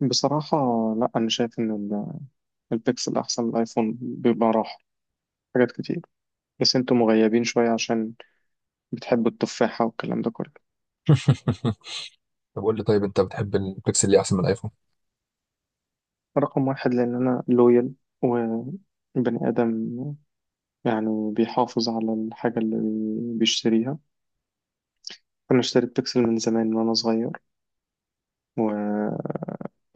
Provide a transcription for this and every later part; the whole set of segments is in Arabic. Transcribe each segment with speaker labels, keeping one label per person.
Speaker 1: بصراحة، لا. أنا شايف إن البيكسل أحسن من الآيفون، بيبقى راحة حاجات كتير. بس أنتوا مغيبين شوية عشان بتحبوا التفاحة والكلام ده كله.
Speaker 2: طب، قول لي، طيب، انت بتحب البيكسل ليه احسن من الايفون؟
Speaker 1: رقم واحد، لأن أنا لويال وبني آدم، يعني بيحافظ على الحاجة اللي بيشتريها. أنا اشتريت بيكسل من زمان، وأنا صغير و...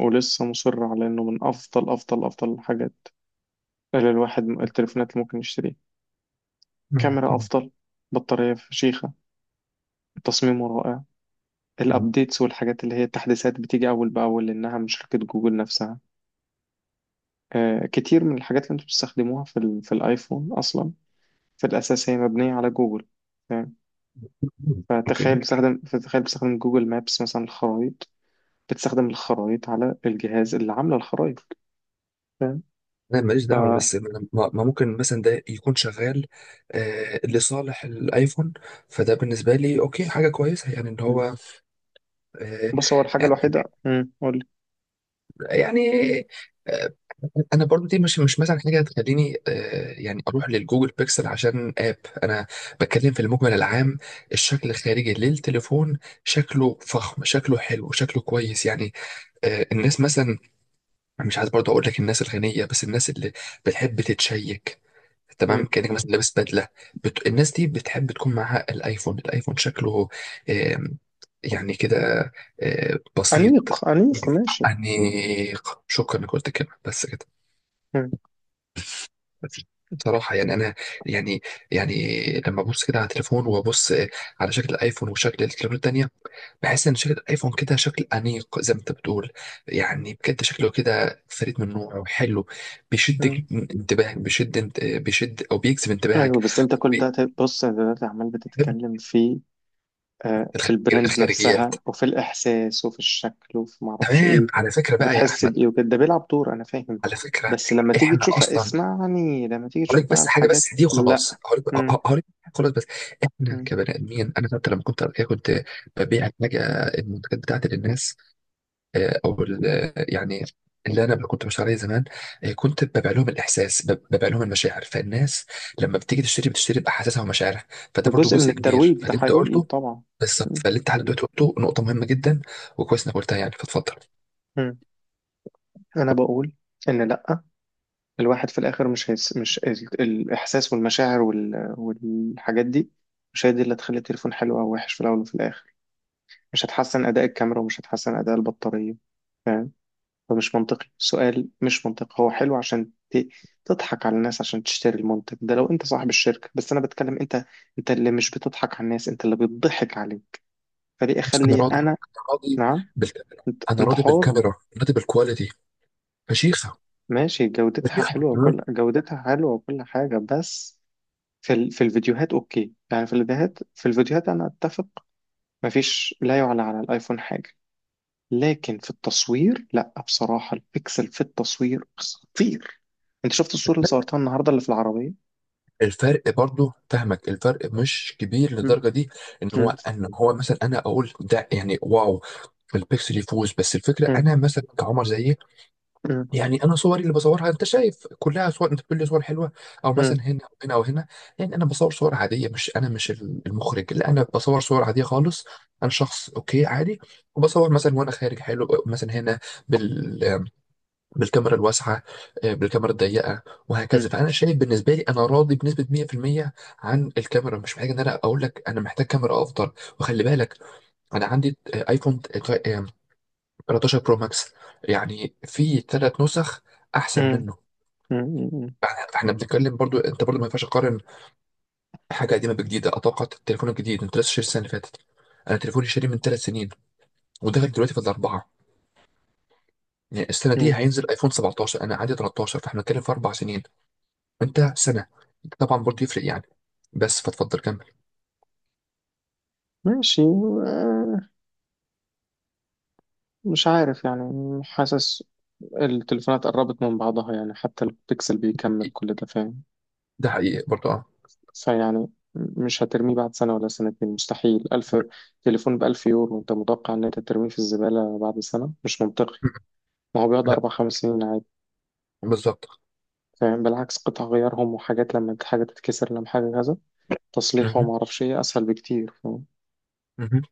Speaker 1: ولسه مصر على إنه من أفضل أفضل أفضل الحاجات اللي التليفونات اللي ممكن يشتريها. كاميرا
Speaker 2: مم.
Speaker 1: أفضل، بطارية فشيخة، تصميمه رائع.
Speaker 2: مم.
Speaker 1: الابديتس والحاجات اللي هي التحديثات بتيجي اول باول لانها من شركة جوجل نفسها. كتير من الحاجات اللي انتوا بتستخدموها في الايفون اصلا، في الاساس هي مبنية على جوجل. فاهم؟
Speaker 2: اوكي،
Speaker 1: فتخيل بتستخدم جوجل مابس، مثلا الخرائط. بتستخدم الخرائط على الجهاز اللي عامله الخرائط. فاهم؟
Speaker 2: انا ماليش
Speaker 1: ف...
Speaker 2: دعوه بس ما ممكن مثلا ده يكون شغال آه، لصالح الايفون. فده بالنسبه لي اوكي، حاجه كويسه، يعني ان
Speaker 1: م.
Speaker 2: هو آه
Speaker 1: بص، هو الحاجة
Speaker 2: يعني
Speaker 1: الوحيدة، قول لي.
Speaker 2: يعني آه انا برضو دي مش مثلا حاجه تخليني، يعني اروح للجوجل بيكسل عشان انا بتكلم في المجمل العام. الشكل الخارجي للتليفون، شكله فخم، شكله حلو، شكله كويس يعني. الناس مثلا، مش عايز برضه اقول لك الناس الغنيه، بس الناس اللي بتحب تتشيك،
Speaker 1: م.
Speaker 2: تمام، كانك مثلا لابس بدله. الناس دي بتحب تكون معاها الايفون شكله آم، يعني كده بسيط،
Speaker 1: أنيق أنيق، ماشي.
Speaker 2: انيق. شكرا انك قلت الكلمه. بس كده.
Speaker 1: م.
Speaker 2: بس بصراحه يعني انا، يعني يعني لما ابص كده على التليفون وابص، على شكل الايفون وشكل التليفون التانيه، بحس ان شركه الايفون كده شكل انيق زي ما انت بتقول. يعني بجد شكله كده فريد من نوعه وحلو، بيشد
Speaker 1: مم.
Speaker 2: انتباهك، بيشد او بيجذب انتباهك.
Speaker 1: ايوه، بس انت كل
Speaker 2: وبيحب
Speaker 1: ده. بص، انت دلوقتي عمال بتتكلم في في
Speaker 2: الخ-
Speaker 1: البراند
Speaker 2: الخارجيات.
Speaker 1: نفسها، وفي الإحساس، وفي الشكل، وفي معرفش
Speaker 2: تمام.
Speaker 1: إيه،
Speaker 2: على فكره بقى يا
Speaker 1: وبتحس
Speaker 2: احمد،
Speaker 1: بإيه وكده. ده بيلعب دور، أنا فاهم.
Speaker 2: على فكره
Speaker 1: بس لما تيجي
Speaker 2: احنا
Speaker 1: تشوف،
Speaker 2: اصلا،
Speaker 1: اسمعني، لما تيجي تشوف
Speaker 2: هقولك
Speaker 1: بقى
Speaker 2: بس حاجه،
Speaker 1: الحاجات.
Speaker 2: بس دي
Speaker 1: لا.
Speaker 2: وخلاص. هقولك
Speaker 1: مم.
Speaker 2: هقولك حاجة خلاص بس. احنا
Speaker 1: مم.
Speaker 2: كبني ادمين، انا حتى لما كنت قبل كده كنت ببيع حاجه، المنتجات بتاعتي للناس، آه، او ال- آه، يعني اللي انا كنت مش عليه زمان، كنت ببيع لهم الاحساس، ببيع لهم المشاعر. فالناس لما بتيجي تشتري، بتشتري باحاسيسها ومشاعرها.
Speaker 1: ده
Speaker 2: فده برضو
Speaker 1: جزء من
Speaker 2: جزء كبير
Speaker 1: الترويج، ده
Speaker 2: فاللي انت
Speaker 1: حقيقي
Speaker 2: قلته.
Speaker 1: طبعا.
Speaker 2: بالظبط،
Speaker 1: مم.
Speaker 2: فاللي انت حضرتك قلته نقطه مهمه جدا، وكويس انك قلتها يعني. فاتفضل.
Speaker 1: مم. أنا بقول إن لأ، الواحد في الآخر مش هيس مش ال... الإحساس والمشاعر والحاجات دي مش هي دي اللي تخلي التليفون حلو أو وحش. في الأول وفي الآخر مش هتحسن أداء الكاميرا، ومش هتحسن أداء البطارية. فمش منطقي. سؤال مش منطقي. هو حلو عشان تضحك على الناس، عشان تشتري المنتج ده لو انت صاحب الشركة. بس انا بتكلم انت، انت اللي مش بتضحك على الناس، انت اللي بتضحك عليه. فليه
Speaker 2: بس انا
Speaker 1: اخلي
Speaker 2: راضي،
Speaker 1: انا؟
Speaker 2: انا راضي
Speaker 1: نعم.
Speaker 2: بالكاميرا.
Speaker 1: انت
Speaker 2: انا
Speaker 1: انت
Speaker 2: راضي
Speaker 1: حر.
Speaker 2: بالكاميرا، راضي بالكواليتي فشيخه.
Speaker 1: ماشي،
Speaker 2: فشيخه.
Speaker 1: جودتها حلوة وكل حاجة. بس في الفيديوهات اوكي، يعني في الفيديوهات انا اتفق. مفيش لا يعلى على الايفون حاجة. لكن في التصوير لا، بصراحة، البيكسل في التصوير خطير. انت شفت الصورة اللي صورتها النهاردة اللي في العربية؟
Speaker 2: الفرق، برضو فاهمك، الفرق مش كبير
Speaker 1: مم.
Speaker 2: للدرجه دي، ان هو
Speaker 1: مم.
Speaker 2: مثلا، انا اقول ده يعني واو، البيكسل يفوز. بس الفكره،
Speaker 1: مم.
Speaker 2: انا مثلا كعمر زيي،
Speaker 1: مم.
Speaker 2: يعني انا صوري اللي بصورها انت شايف كلها صور، انت بتقول لي صور حلوه، او مثلا هنا او هنا او هنا. يعني انا بصور صور عاديه، مش، انا مش المخرج، لا، انا بصور صور عاديه خالص. انا شخص اوكي عادي، وبصور مثلا وانا خارج حلو مثلا هنا، بالكاميرا الواسعه، بالكاميرا الضيقه،
Speaker 1: مم.
Speaker 2: وهكذا. فانا شايف بالنسبه لي انا راضي بنسبه 100% عن الكاميرا، مش محتاج ان انا اقول لك انا محتاج كاميرا افضل. وخلي بالك، انا عندي ايفون 13 برو ماكس، يعني في 3 نسخ احسن
Speaker 1: مم.
Speaker 2: منه.
Speaker 1: مم. مم.
Speaker 2: احنا بنتكلم، برضو انت برضو ما ينفعش تقارن حاجه قديمه بجديده. اتوقع التليفون الجديد، انت لسه شاري السنه اللي فاتت، انا تليفوني شاري من 3 سنين، وداخل دلوقتي في الاربعه. يعني السنه دي
Speaker 1: مم.
Speaker 2: هينزل ايفون 17، انا عندي 13، فاحنا بنتكلم في 4 سنين، انت سنه، طبعا برضه يفرق يعني. بس فتفضل كمل.
Speaker 1: ماشي. آه، مش عارف يعني. حاسس التليفونات قربت من بعضها، يعني حتى البيكسل بيكمل كل ده. فاهم؟
Speaker 2: ده حقيقي برضه، اه.
Speaker 1: فيعني مش هترميه بعد سنة ولا سنتين. مستحيل. ألف تليفون بألف يورو، أنت متوقع إن أنت ترميه في الزبالة بعد سنة؟ مش منطقي.
Speaker 2: م- م.
Speaker 1: ما هو بيقعد
Speaker 2: لا،
Speaker 1: أربع خمس سنين عادي.
Speaker 2: بالظبط.
Speaker 1: فاهم؟ بالعكس، قطع غيارهم وحاجات، لما حاجة تتكسر، لما حاجة كذا، تصليحه
Speaker 2: مهم.
Speaker 1: وما أعرفش إيه أسهل بكتير. فاهم؟
Speaker 2: مهم.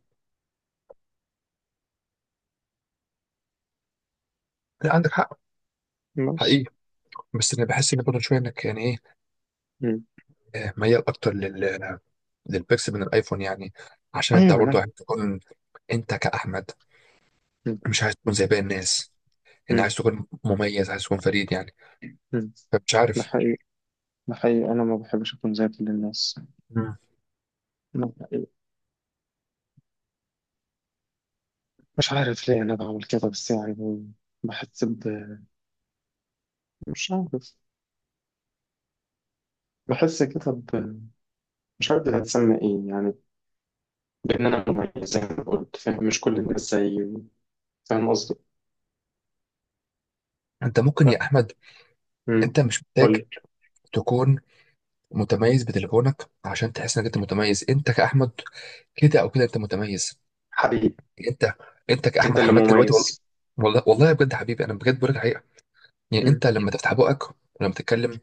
Speaker 2: لا، عندك حق،
Speaker 1: بس.
Speaker 2: حقيقي. بس انا بحس ان برضه شويه انك، يعني ايه، ميال اكتر للبيكسل من الايفون، يعني عشان انت
Speaker 1: ايوه.
Speaker 2: برضه
Speaker 1: لا.
Speaker 2: عايز تكون، انت كاحمد،
Speaker 1: مم.
Speaker 2: مش عايز تكون زي باقي الناس. يعني
Speaker 1: مم.
Speaker 2: عايز تكون مميز، عايز تكون فريد يعني.
Speaker 1: مم.
Speaker 2: فمش
Speaker 1: ده
Speaker 2: عارف.
Speaker 1: حقيقي. ده حقيقي، انا ما بحبش اكون زي كل الناس.
Speaker 2: مم.
Speaker 1: ده حقيقي. مش عارف ليه انا بعمل كده، بس يعني بحس ب... مش عارف، بحس كده ب... مش عارف دي هتسمى ايه يعني، بان انا مميز زي ما قلت. فاهم؟ مش كل الناس زيي. فاهم قصدي؟
Speaker 2: انت ممكن
Speaker 1: لا.
Speaker 2: يا احمد،
Speaker 1: مم.
Speaker 2: انت مش
Speaker 1: قول
Speaker 2: محتاج
Speaker 1: لي.
Speaker 2: تكون متميز بتليفونك عشان تحس انك انت متميز. انت كاحمد، كده او كده انت متميز.
Speaker 1: حبيبي،
Speaker 2: انت انت
Speaker 1: انت
Speaker 2: كاحمد
Speaker 1: اللي
Speaker 2: حماد دلوقتي، والله،
Speaker 1: مميز.
Speaker 2: والله والله بجد يا حبيبي، انا بجد بقول لك الحقيقه. يعني
Speaker 1: مم.
Speaker 2: انت لما تفتح بقك، ولما تتكلم،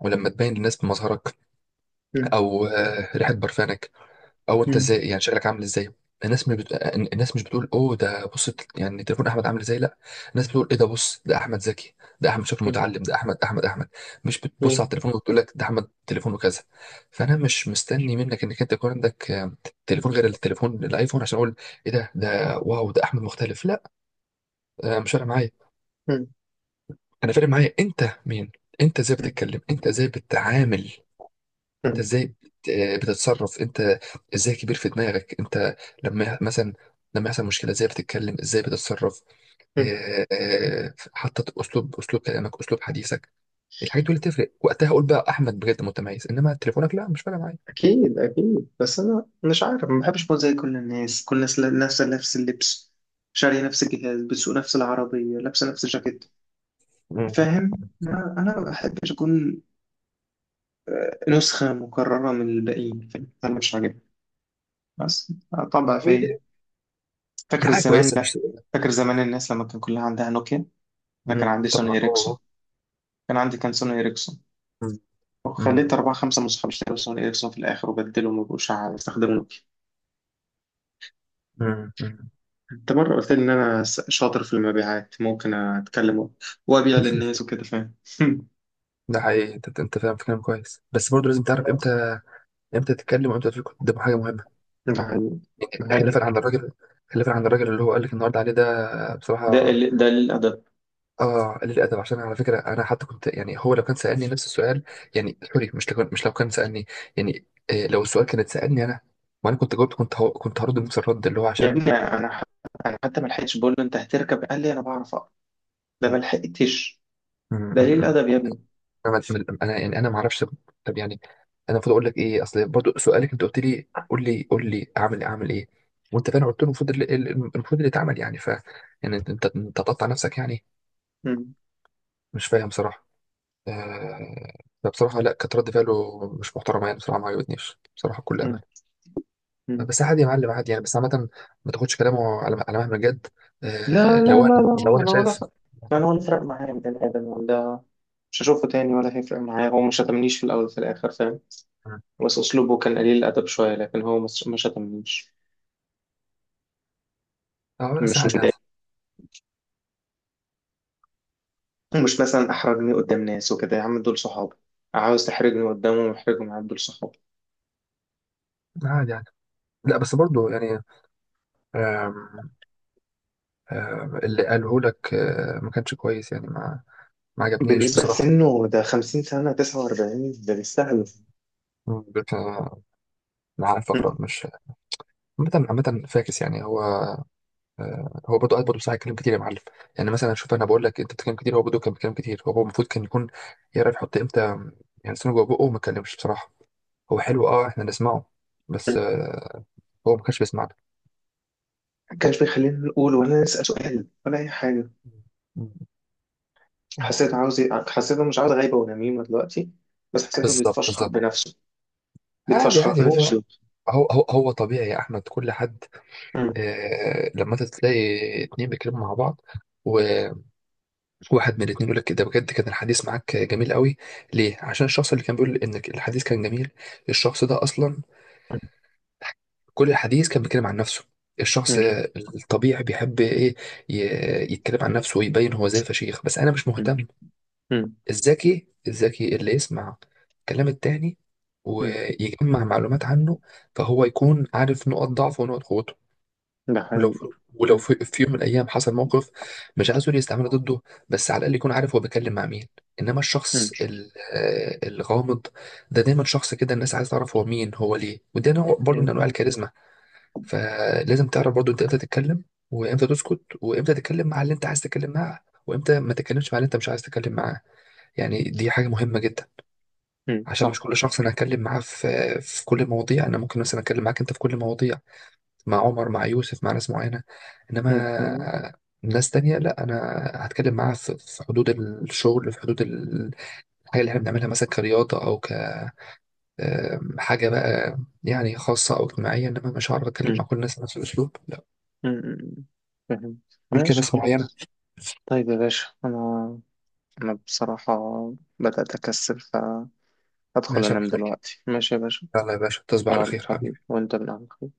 Speaker 2: ولما تبين للناس بمظهرك،
Speaker 1: مم.
Speaker 2: او ريحه برفانك، او انت ازاي،
Speaker 1: مم.
Speaker 2: يعني شكلك عامل ازاي، الناس مش بت... الناس مش بتقول اوه ده، بص يعني تليفون احمد عامل ازاي. لا، الناس بتقول ايه ده، بص ده احمد ذكي، ده احمد شكله
Speaker 1: مم.
Speaker 2: متعلم، ده احمد احمد احمد. مش بتبص على التليفون وتقول لك ده احمد تليفونه كذا. فانا مش مستني منك انك انت يكون عندك تليفون غير التليفون الايفون عشان اقول ايه ده ده واو، ده احمد مختلف. لا، مش فارق معايا.
Speaker 1: مم.
Speaker 2: انا فارق معايا انت مين، انت ازاي
Speaker 1: مم.
Speaker 2: بتتكلم، انت ازاي بتتعامل، انت
Speaker 1: مم.
Speaker 2: ازاي بتتصرف. انت ازاي كبير في دماغك انت، لما مثلا لما يحصل مشكله ازاي بتتكلم، ازاي بتتصرف.
Speaker 1: مم.
Speaker 2: اه، حتى اسلوب كلامك، اسلوب حديثك، الحاجات دي اللي تفرق وقتها اقول بقى احمد بجد متميز. انما تليفونك لا، مش فارقه معايا.
Speaker 1: أكيد أكيد. بس أنا مش عارف، ما بحبش أكون زي كل الناس كل الناس، نفس اللبس، شارية نفس الجهاز، بتسوق نفس العربية، لابسة نفس الجاكيت.
Speaker 2: مم.
Speaker 1: فاهم؟ أنا ما بحبش أكون نسخة مكررة من الباقيين. فاهم؟ أنا مش عاجبني. بس طبع
Speaker 2: وهي دي،
Speaker 1: في...
Speaker 2: هي
Speaker 1: فاكر
Speaker 2: حاجه
Speaker 1: زمان؟
Speaker 2: كويسه،
Speaker 1: لا،
Speaker 2: مش.
Speaker 1: فاكر زمان الناس لما كان كلها عندها نوكيا؟ أنا كان
Speaker 2: مم.
Speaker 1: عندي سوني
Speaker 2: طبعا
Speaker 1: إيريكسون.
Speaker 2: اه.
Speaker 1: كان سوني إيريكسون.
Speaker 2: آه. مم.
Speaker 1: وخليت
Speaker 2: مم.
Speaker 1: أربعة خمسة من صحابي اشتروا سوني إيريكسون، في الآخر وبدلوا ما بقوش أستخدمه.
Speaker 2: مم. مم.
Speaker 1: انت مرة قلت لي ان انا شاطر في المبيعات، ممكن اتكلم وابيع للناس وكده. فاهم؟
Speaker 2: ده حقيقي، انت فاهم في كلام كويس، بس برضه لازم تعرف
Speaker 1: بس.
Speaker 2: امتى، امتى تتكلم، وامتى تقول قدام حاجه مهمه.
Speaker 1: ده حقيقي. ده حقيقي.
Speaker 2: خلافا عن الراجل، اللي هو قال لك النهارده عليه ده، بصراحه
Speaker 1: ده الادب.
Speaker 2: اه، قليل الادب. عشان على فكره انا حتى كنت، يعني هو لو كان سالني نفس السؤال، يعني سوري، مش لو كان سالني، يعني إيه، لو السؤال كانت سالني انا، وانا كنت جاوبت، كنت هرد نفس الرد اللي هو،
Speaker 1: يا
Speaker 2: عشان
Speaker 1: ابني، انا حتى ما لحقتش بقول له انت هتركب، قال لي انا بعرف اقرا. ده ما
Speaker 2: م-
Speaker 1: لحقتش.
Speaker 2: م-
Speaker 1: ده ليه
Speaker 2: م-
Speaker 1: الادب يا ابني؟
Speaker 2: انا انا يعني انا ما اعرفش. طب يعني، انا المفروض اقول لك ايه، اصل برضو سؤالك، انت قلت لي قول لي قول لي اعمل إيه، اعمل ايه. وانت فاهم قلت له المفروض المفروض اللي اتعمل، يعني يعني انت انت أنت تقطع نفسك يعني.
Speaker 1: مم.
Speaker 2: مش فاهم صراحه. آه، فبصراحة لا، كانت رد فعله مش محترمة يعني، بصراحة ما عجبتنيش، بصراحة بكل
Speaker 1: مم.
Speaker 2: أمانة.
Speaker 1: مم.
Speaker 2: بس عادي يا معلم، عادي يعني، بس. عامة ما تاخدش كلامه على مهما جد.
Speaker 1: لا لا لا
Speaker 2: لو
Speaker 1: لا،
Speaker 2: أنا
Speaker 1: انا ولا
Speaker 2: شايف.
Speaker 1: فرق. انا ولا فرق معايا من الادب ولا. مش هشوفه تاني ولا هيفرق معايا. هو مش شتمنيش، في الاول وفي الاخر. فاهم؟ بس اسلوبه كان قليل الادب شويه، لكن هو ما شتمنيش.
Speaker 2: اه، لا، بس
Speaker 1: مش
Speaker 2: عادي عادي.
Speaker 1: متضايق، ومش مثلا احرجني قدام ناس وكده. يا عم دول صحابي، عاوز تحرجني قدامهم؟ احرجهم، عم دول صحابي.
Speaker 2: عادي عادي. لا بس برضو يعني، آم، آم، اللي قاله لك ما كانش كويس يعني، ما عجبنيش
Speaker 1: بالنسبة
Speaker 2: بصراحة.
Speaker 1: لسنه، ده 50 سنة، 49، ده بيستهلف.
Speaker 2: مم، بت- آه، أنا عارف أقرأ. مش، عامة عامة فاكس يعني هو. هو برضه قاعد برضه بصراحه يتكلم كتير يا معلم. يعني مثلا شوف، انا بقول لك انت بتتكلم كتير، هو برضه كان بيتكلم كتير. هو المفروض كان يكون يعرف يحط امتى، يعني لسانه جوه بقه وما يتكلمش بصراحه. هو حلو، اه، احنا نسمعه، بس هو ما كانش بيسمعنا.
Speaker 1: ما كانش بيخلينا نقول ولا نسأل سؤال ولا أي حاجة.
Speaker 2: مم.
Speaker 1: حسيت
Speaker 2: آه،
Speaker 1: عاوز... حسيته مش عاوز غيبة ونميمة دلوقتي، بس حسيته
Speaker 2: بالظبط
Speaker 1: بيتفشخر
Speaker 2: بالظبط.
Speaker 1: بنفسه.
Speaker 2: عادي
Speaker 1: بيتفشخر
Speaker 2: عادي، هو
Speaker 1: بنفسه.
Speaker 2: هو هو, هو طبيعي يا احمد. كل حد
Speaker 1: مم.
Speaker 2: لما انت تلاقي اتنين بيتكلموا مع بعض، وواحد من الاتنين يقول لك ده بجد كان الحديث معاك جميل قوي، ليه؟ عشان الشخص اللي كان بيقول انك الحديث كان جميل، الشخص ده اصلا كل الحديث كان بيتكلم عن نفسه. الشخص
Speaker 1: مم.
Speaker 2: الطبيعي بيحب ايه، يتكلم عن نفسه ويبين هو زي فشيخ. بس انا مش
Speaker 1: مم.
Speaker 2: مهتم.
Speaker 1: مم.
Speaker 2: الذكي اللي يسمع كلام التاني
Speaker 1: مم.
Speaker 2: ويجمع معلومات عنه، فهو يكون عارف نقط ضعفه ونقط قوته.
Speaker 1: ده
Speaker 2: ولو في،
Speaker 1: حقيقي.
Speaker 2: ولو
Speaker 1: مم.
Speaker 2: في, في يوم من الايام حصل موقف، مش عايزه يستعمله ضده، بس على الاقل يكون عارف هو بيتكلم مع مين. انما
Speaker 1: مم.
Speaker 2: الشخص الغامض، ده دايما شخص كده الناس عايز تعرف هو مين هو ليه، وده نوع برضه من
Speaker 1: مم.
Speaker 2: انواع الكاريزما. فلازم تعرف برضو انت امتى تتكلم، وامتى تسكت، وامتى تتكلم مع اللي انت عايز تتكلم معاه، وامتى ما تتكلمش مع اللي انت مش عايز تتكلم معاه. يعني دي حاجة مهمة جدا.
Speaker 1: مم.
Speaker 2: عشان
Speaker 1: صح.
Speaker 2: مش كل شخص انا هتكلم معاه في كل المواضيع. انا ممكن مثلا اتكلم معاك انت في كل المواضيع، مع عمر، مع يوسف، مع ناس معينة.
Speaker 1: ده حقيقي.
Speaker 2: انما ناس تانية لا، انا هتكلم معاها في حدود الشغل، في حدود الحاجة اللي احنا بنعملها، مثلا كرياضة، او حاجة بقى يعني خاصة او اجتماعية. انما مش هعرف اتكلم
Speaker 1: مم.
Speaker 2: مع كل الناس بنفس الاسلوب. لا.
Speaker 1: مم. مم. فهمت.
Speaker 2: ممكن
Speaker 1: ماشي
Speaker 2: ناس معينة.
Speaker 1: خلاص. طيب يا باشا، أنا أنا بصراحة بدأت أكسل، فهدخل
Speaker 2: ماشي يا
Speaker 1: أنام
Speaker 2: محترم.
Speaker 1: دلوقتي. ماشي يا باشا.
Speaker 2: يلا يا باشا، تصبح على
Speaker 1: يلا
Speaker 2: خير
Speaker 1: حبيبي،
Speaker 2: حبيبي.
Speaker 1: وأنت من أهل الخير.